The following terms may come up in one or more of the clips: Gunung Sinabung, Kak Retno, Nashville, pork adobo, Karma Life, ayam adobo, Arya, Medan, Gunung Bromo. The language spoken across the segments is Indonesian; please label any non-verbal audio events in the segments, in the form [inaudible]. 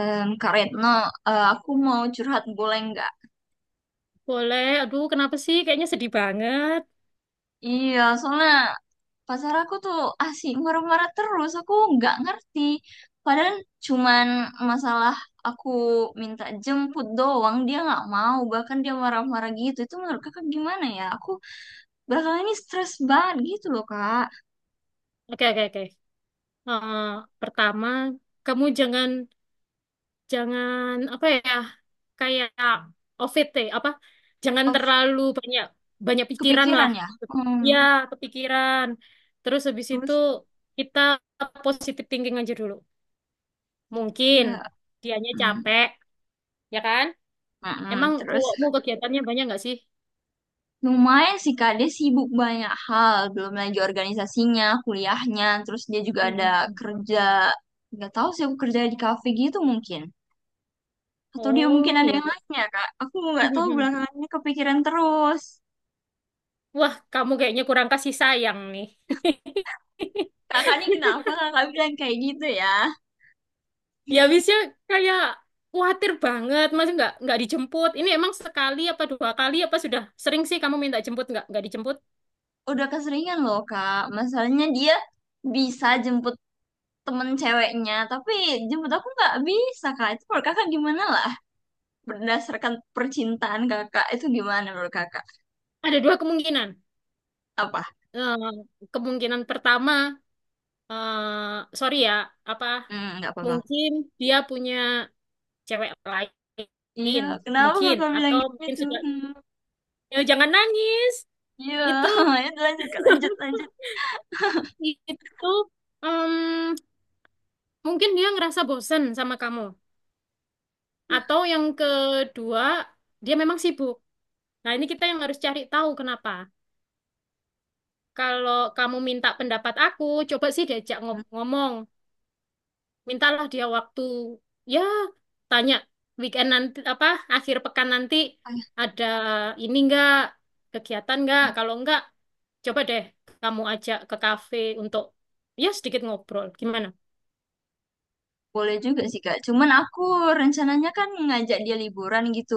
Kak Retno, aku mau curhat boleh nggak? Boleh. Aduh, kenapa sih? Kayaknya sedih banget. Iya, soalnya pacar aku tuh asik marah-marah terus. Aku nggak ngerti. Padahal cuman masalah aku minta jemput doang, dia nggak mau. Bahkan dia marah-marah gitu. Itu menurut kakak gimana ya? Aku belakangan ini stres banget gitu loh, Kak. Oke, oke, oke. Eh, Pertama, kamu jangan jangan apa ya? Kayak OVT apa? Jangan Of, terlalu banyak banyak pikiran kepikiran lah. ya. Ya, Hmm, kepikiran. Terus habis itu terus, kita positive thinking aja dulu. Mungkin ya. dianya Hmm, capek, ya kan? mm, Emang mm, terus. cowokmu kegiatannya banyak nggak sih? Lumayan sih Kak, dia sibuk banyak hal, belum lagi organisasinya, kuliahnya, terus dia juga ada Hmm. kerja, nggak tahu sih aku kerja di kafe gitu mungkin. Atau dia mungkin Oh, ada iya. yang lainnya Kak, aku nggak tahu [laughs] belakangannya kepikiran terus. Wah, kamu kayaknya kurang kasih sayang nih. Kakak ini kenapa [laughs] kakak bilang kayak gitu ya? Ya habisnya kayak khawatir banget, masih nggak dijemput. Ini emang sekali apa dua kali apa sudah sering sih kamu minta jemput nggak dijemput? Udah keseringan loh Kak, masalahnya dia bisa jemput temen ceweknya, tapi jemput aku nggak bisa Kak. Itu menurut kakak gimana lah? Berdasarkan percintaan kakak, itu gimana menurut kakak? Ada dua kemungkinan. Apa? Eh, Kemungkinan pertama, sorry ya, apa Hmm, nggak apa-apa. mungkin dia punya cewek Iya, lain, kenapa mungkin kakak bilang atau mungkin gitu? sudah. Hmm, Ya, jangan nangis. iya, Itu [laughs] ya lanjut kak, lanjut, lanjut. itu em, mungkin dia ngerasa bosen sama kamu. Iya. Atau yang kedua, dia memang sibuk. Nah, ini kita yang harus cari tahu kenapa. Kalau kamu minta pendapat aku, coba sih diajak Hmm, ngomong. Mintalah dia waktu, ya, tanya weekend nanti apa akhir pekan nanti ayah. ada ini enggak kegiatan enggak? Kalau enggak, coba deh kamu ajak ke kafe untuk ya sedikit ngobrol. Gimana? Boleh juga sih kak, cuman aku rencananya kan ngajak dia liburan gitu.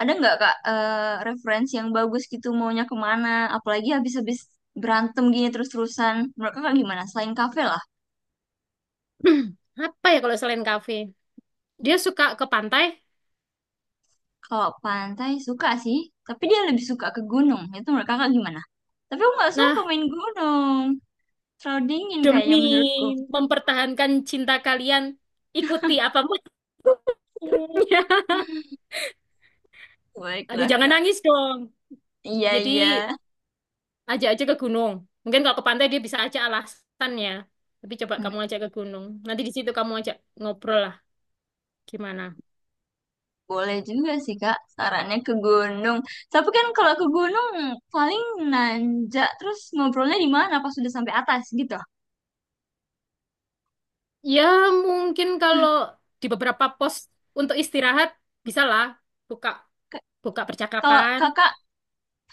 Ada nggak kak referensi yang bagus gitu maunya kemana? Apalagi habis-habis berantem gini terus-terusan. Menurut kakak gimana? Selain kafe lah. [clears throat] Apa ya kalau selain kafe? Dia suka ke pantai. Kalau pantai suka sih, tapi dia lebih suka ke gunung. Itu menurut kakak gimana? Tapi aku nggak suka Nah, main gunung. Terlalu dingin kayaknya demi menurutku. mempertahankan cinta kalian, ikuti apa maunya. [laughs] [laughs] Aduh, Baiklah jangan kak. nangis dong. Iya, Jadi iya. ajak aja ke gunung. Mungkin kalau ke pantai dia bisa ajak alasannya. Tapi coba Hmm. kamu ajak ke gunung. Nanti di situ kamu ajak ngobrol lah gimana. Boleh juga sih, Kak. Sarannya ke gunung. Tapi kan kalau ke gunung paling nanjak terus ngobrolnya di mana pas sudah sampai atas gitu. Ya, mungkin kalau di beberapa pos untuk istirahat bisa lah buka K- buka Kalau percakapan. Kakak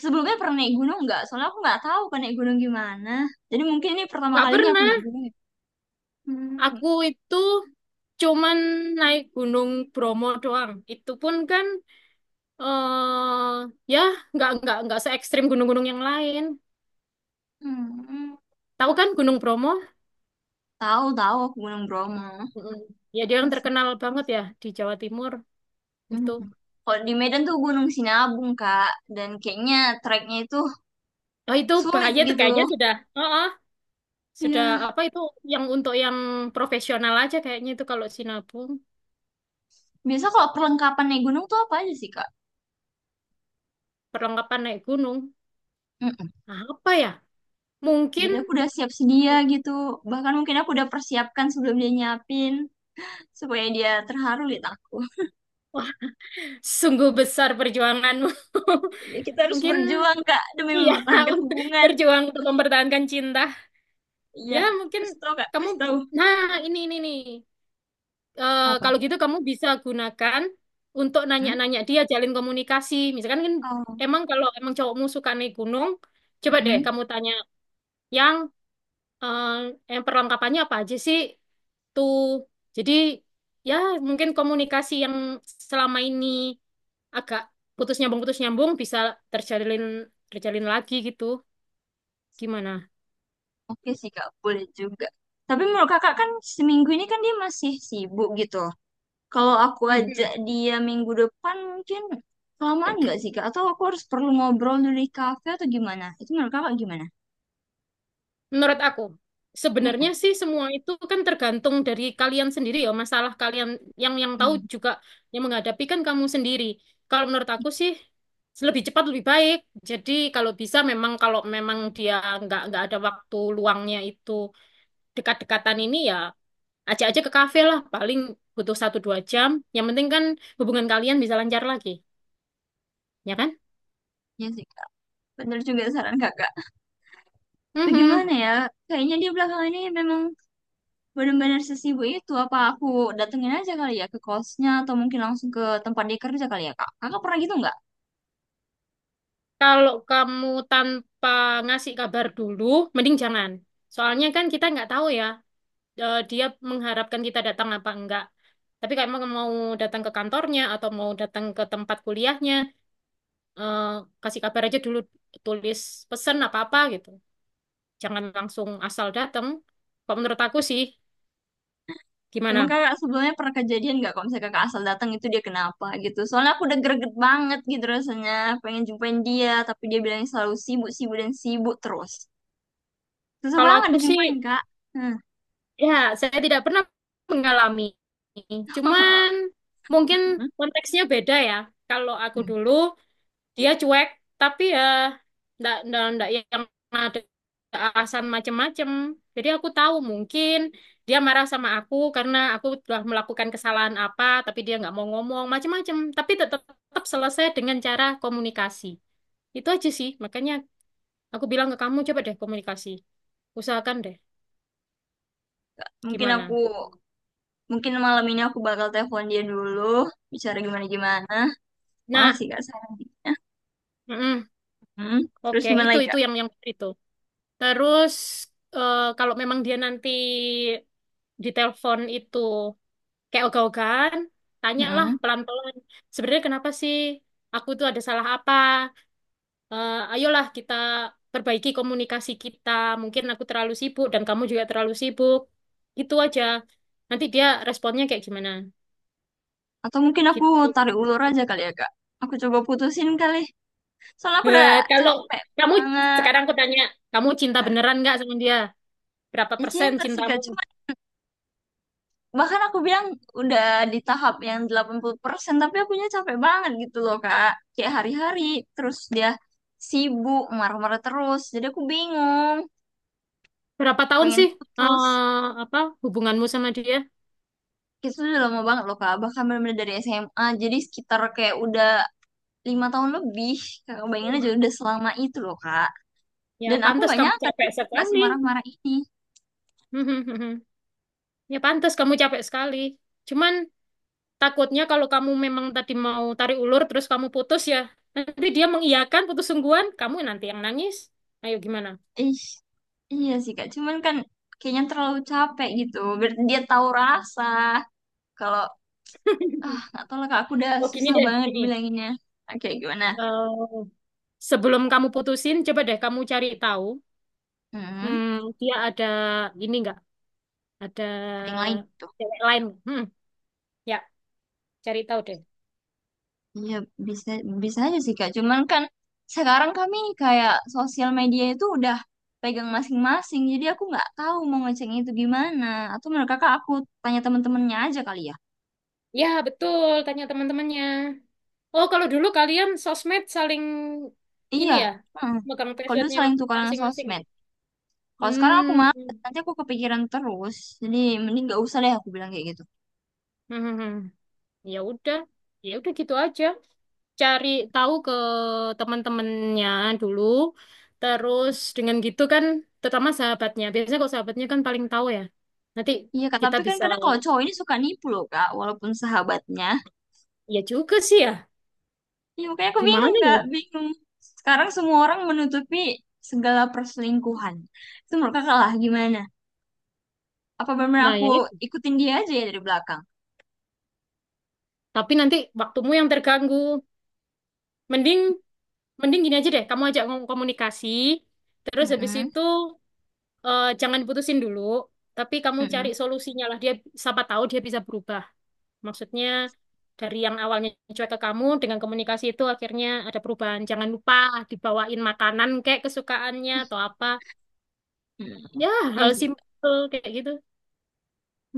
sebelumnya pernah naik gunung nggak? Soalnya aku nggak tahu kan naik gunung gimana. Jadi mungkin ini pertama Gak kalinya aku naik pernah. gunung. Hmm, Aku itu cuman naik Gunung Bromo doang. Itu pun kan eh ya, nggak se ekstrim gunung-gunung yang lain. hmm. Tahu kan Gunung Bromo? Tahu, tahu aku Gunung Bromo. Mm-mm. Ya dia yang Masih. terkenal banget ya di Jawa Timur Hmm. itu. Kalau di Medan tuh Gunung Sinabung, Kak. Dan kayaknya treknya itu Oh, itu sulit bahaya tuh gitu. kayaknya sudah. Oh, oh, sudah Iya. apa itu yang untuk yang profesional aja kayaknya itu kalau Sinabung Biasa kalau perlengkapan naik gunung tuh apa aja sih, Kak? perlengkapan naik gunung. Mm-mm. Nah, apa ya? Mungkin, Jadi aku udah siap sedia gitu. Bahkan mungkin aku udah persiapkan sebelum dia nyiapin supaya dia terharu lihat aku. [laughs] wah, sungguh besar perjuanganmu. [laughs] Ya kita harus Mungkin berjuang, Kak, demi iya [laughs] mempertahankan untuk hubungan. berjuang untuk mempertahankan cinta. Iya. Ya mungkin Kasih tau, Kak. kamu. Kasih tau. Nah, ini nih. Apa? Kalau gitu kamu bisa gunakan untuk Hmm? nanya-nanya dia, jalin komunikasi. Misalkan kan Oh. emang kalau emang cowokmu suka naik gunung, coba deh Mm-mm. kamu tanya yang eh, yang perlengkapannya apa aja sih tuh. Jadi ya mungkin komunikasi yang selama ini agak putus nyambung bisa terjalin terjalin lagi gitu. Gimana? Oke sih, Kak. Boleh juga. Tapi menurut Kakak kan seminggu ini kan dia masih sibuk gitu. Kalau aku ajak [laughs] dia minggu depan mungkin kelamaan nggak sih Kak? Atau aku harus perlu ngobrol dulu di kafe atau gimana? Itu menurut Kakak gimana? Menurut aku, sebenarnya Mm-mm. sih semua itu kan tergantung dari kalian sendiri ya, masalah kalian yang tahu Hmm, juga, yang menghadapi kan kamu sendiri. Kalau menurut aku sih lebih cepat lebih baik. Jadi kalau bisa, memang kalau memang dia nggak ada waktu luangnya itu, dekat-dekatan ini ya ajak aja ke kafe lah, paling butuh satu dua jam. Yang penting kan hubungan kalian bisa lancar lagi, ya kan? ya sih Kak. Bener juga saran Kakak. Tapi Mhm. gimana ya? Kayaknya dia belakangan ini memang benar-benar sesibuk itu. Apa aku datengin aja kali ya ke kosnya atau mungkin langsung ke tempat dia kerja kali ya Kak? Kakak pernah gitu nggak? Kalau kamu tanpa ngasih kabar dulu, mending jangan. Soalnya kan kita nggak tahu ya, dia mengharapkan kita datang apa enggak. Tapi kalau emang mau datang ke kantornya atau mau datang ke tempat kuliahnya, eh, kasih kabar aja dulu, tulis pesan apa-apa gitu. Jangan langsung asal datang. Kalau menurut aku sih, Emang gimana? kakak sebelumnya pernah kejadian nggak kalau misalnya kakak asal datang itu dia kenapa gitu? Soalnya aku udah greget banget gitu rasanya, pengen jumpain dia, tapi dia bilang selalu sibuk, sibuk dan sibuk terus. Susah Kalau banget aku sih, dijumpain kak. Hmm. ya saya tidak pernah mengalami. Cuman mungkin [laughs] konteksnya beda ya. Kalau aku dulu dia cuek, tapi ya ndak ndak ndak yang ada alasan macem-macem. Jadi aku tahu mungkin dia marah sama aku karena aku telah melakukan kesalahan apa, tapi dia nggak mau ngomong macem-macem, tapi tetap tetap selesai dengan cara komunikasi itu aja sih. Makanya aku bilang ke kamu, coba deh komunikasi, usahakan deh Mungkin aku, gimana. mungkin malam ini aku bakal telepon dia dulu, bicara gimana-gimana. Nah, Makasih kak sarannya. mm-mm. Hmm. Terus Oke, gimana itu lagi itu kak? yang itu. Terus kalau memang dia nanti ditelepon itu kayak ogah-ogahan, tanyalah Hmm. pelan-pelan. Sebenarnya kenapa sih, aku tuh ada salah apa? Ayolah kita perbaiki komunikasi kita. Mungkin aku terlalu sibuk dan kamu juga terlalu sibuk. Gitu aja. Nanti dia responnya kayak gimana? Atau mungkin aku Gitu. tarik ulur aja kali ya kak. Aku coba putusin kali. Soalnya aku udah Kalau capek kamu banget. sekarang aku tanya, kamu cinta Nah, beneran nggak sama dia? Berapa ya persen cinta sih kak, cintamu? cuma bahkan aku bilang udah di tahap yang 80% tapi akunya capek banget gitu loh Kak. Kayak hari-hari terus dia sibuk marah-marah terus. Jadi aku bingung, Berapa tahun pengen sih putus. eh, apa hubunganmu sama dia? Itu udah lama banget loh Kak, bahkan benar-benar dari SMA. Jadi sekitar kayak udah 5 tahun lebih. Kakak bayangin Wah, aja udah selama itu loh Kak. ya Dan aku pantas nggak kamu nyangka capek dulu nggak sekali. semarah-marah ini. [laughs] Ya pantas kamu capek sekali. Cuman takutnya kalau kamu memang tadi mau tarik ulur terus kamu putus ya. Nanti dia mengiyakan putus sungguhan, kamu nanti yang nangis. Ayo gimana? Ih, iya sih Kak. Cuman kan kayaknya terlalu capek gitu. Biar dia tahu rasa kalau Ah, [laughs] nggak tahu lah kak, aku udah Oh, gini susah deh, banget gini. bilanginnya. Oke, gimana? Eh, Sebelum kamu putusin, coba deh kamu cari tahu. Hmm, Hmm, dia ada ini nggak? Ada ada yang lain tuh. cewek lain? Hmm, ya cari tahu deh. Iya, bisa bisa aja sih kak. Cuman kan sekarang kami kayak sosial media itu udah pegang masing-masing. Jadi aku nggak tahu mau ngeceknya itu gimana. Atau menurut kakak aku tanya temen-temennya aja kali ya. Ya betul, tanya teman-temannya. Oh, kalau dulu kalian sosmed saling ini Iya. ya, Heeh. megang Kalau dulu passwordnya saling tukaran masing-masing, ya? sosmed. Kalau sekarang aku Hmm. malas, Hmm. nanti aku kepikiran terus. Jadi mending nggak usah deh aku bilang kayak gitu. Hmm, hmm. Ya udah. Ya udah gitu aja. Cari tahu ke teman-temannya dulu. Terus dengan gitu kan, terutama sahabatnya. Biasanya kalau sahabatnya kan paling tahu ya. Nanti Iya kak, kita tapi kan bisa, kadang kalau cowok ini suka nipu loh kak, walaupun sahabatnya. ya juga sih ya. Iya, makanya aku Gimana bingung, Kak. ya? Bingung. Sekarang semua orang menutupi segala perselingkuhan. Itu menurut kakak lah, gimana? Apa benar Nah, aku ya itu. ikutin dia aja ya dari belakang? Tapi nanti waktumu yang terganggu. Mending mending gini aja deh, kamu ajak ngomong komunikasi. Terus habis Mm-mm, itu jangan putusin dulu, tapi kamu cari mm-mm, solusinya lah. Dia, siapa tahu dia bisa berubah. Maksudnya, dari yang awalnya cuek ke kamu, dengan komunikasi itu akhirnya ada perubahan. Jangan lupa dibawain makanan kayak kesukaannya atau apa. mm-mm. Ya, Iya hal sih. simpel kayak gitu.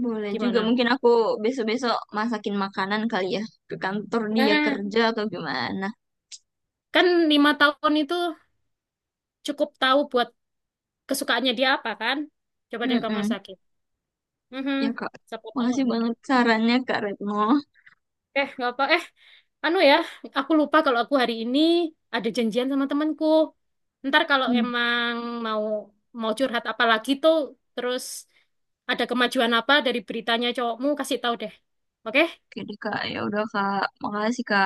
Boleh juga. Gimana? Mungkin aku besok-besok masakin makanan kali ya. Ke kantor dia Nah, kerja atau gimana. kan 5 tahun itu cukup tahu buat kesukaannya dia apa kan? Coba deh kamu Mm-mm. sakit. Mhm, Ya, Kak. siapa tahu. Makasih banget sarannya, Kak Retno. Nggak apa. Anu ya, aku lupa kalau aku hari ini ada janjian sama temanku. Ntar kalau Hmm. emang mau mau curhat apa lagi tuh, terus ada kemajuan apa dari beritanya cowokmu, kasih tahu deh. Oke? Oke deh, Kak. Ya udah, Kak. Makasih, Kak.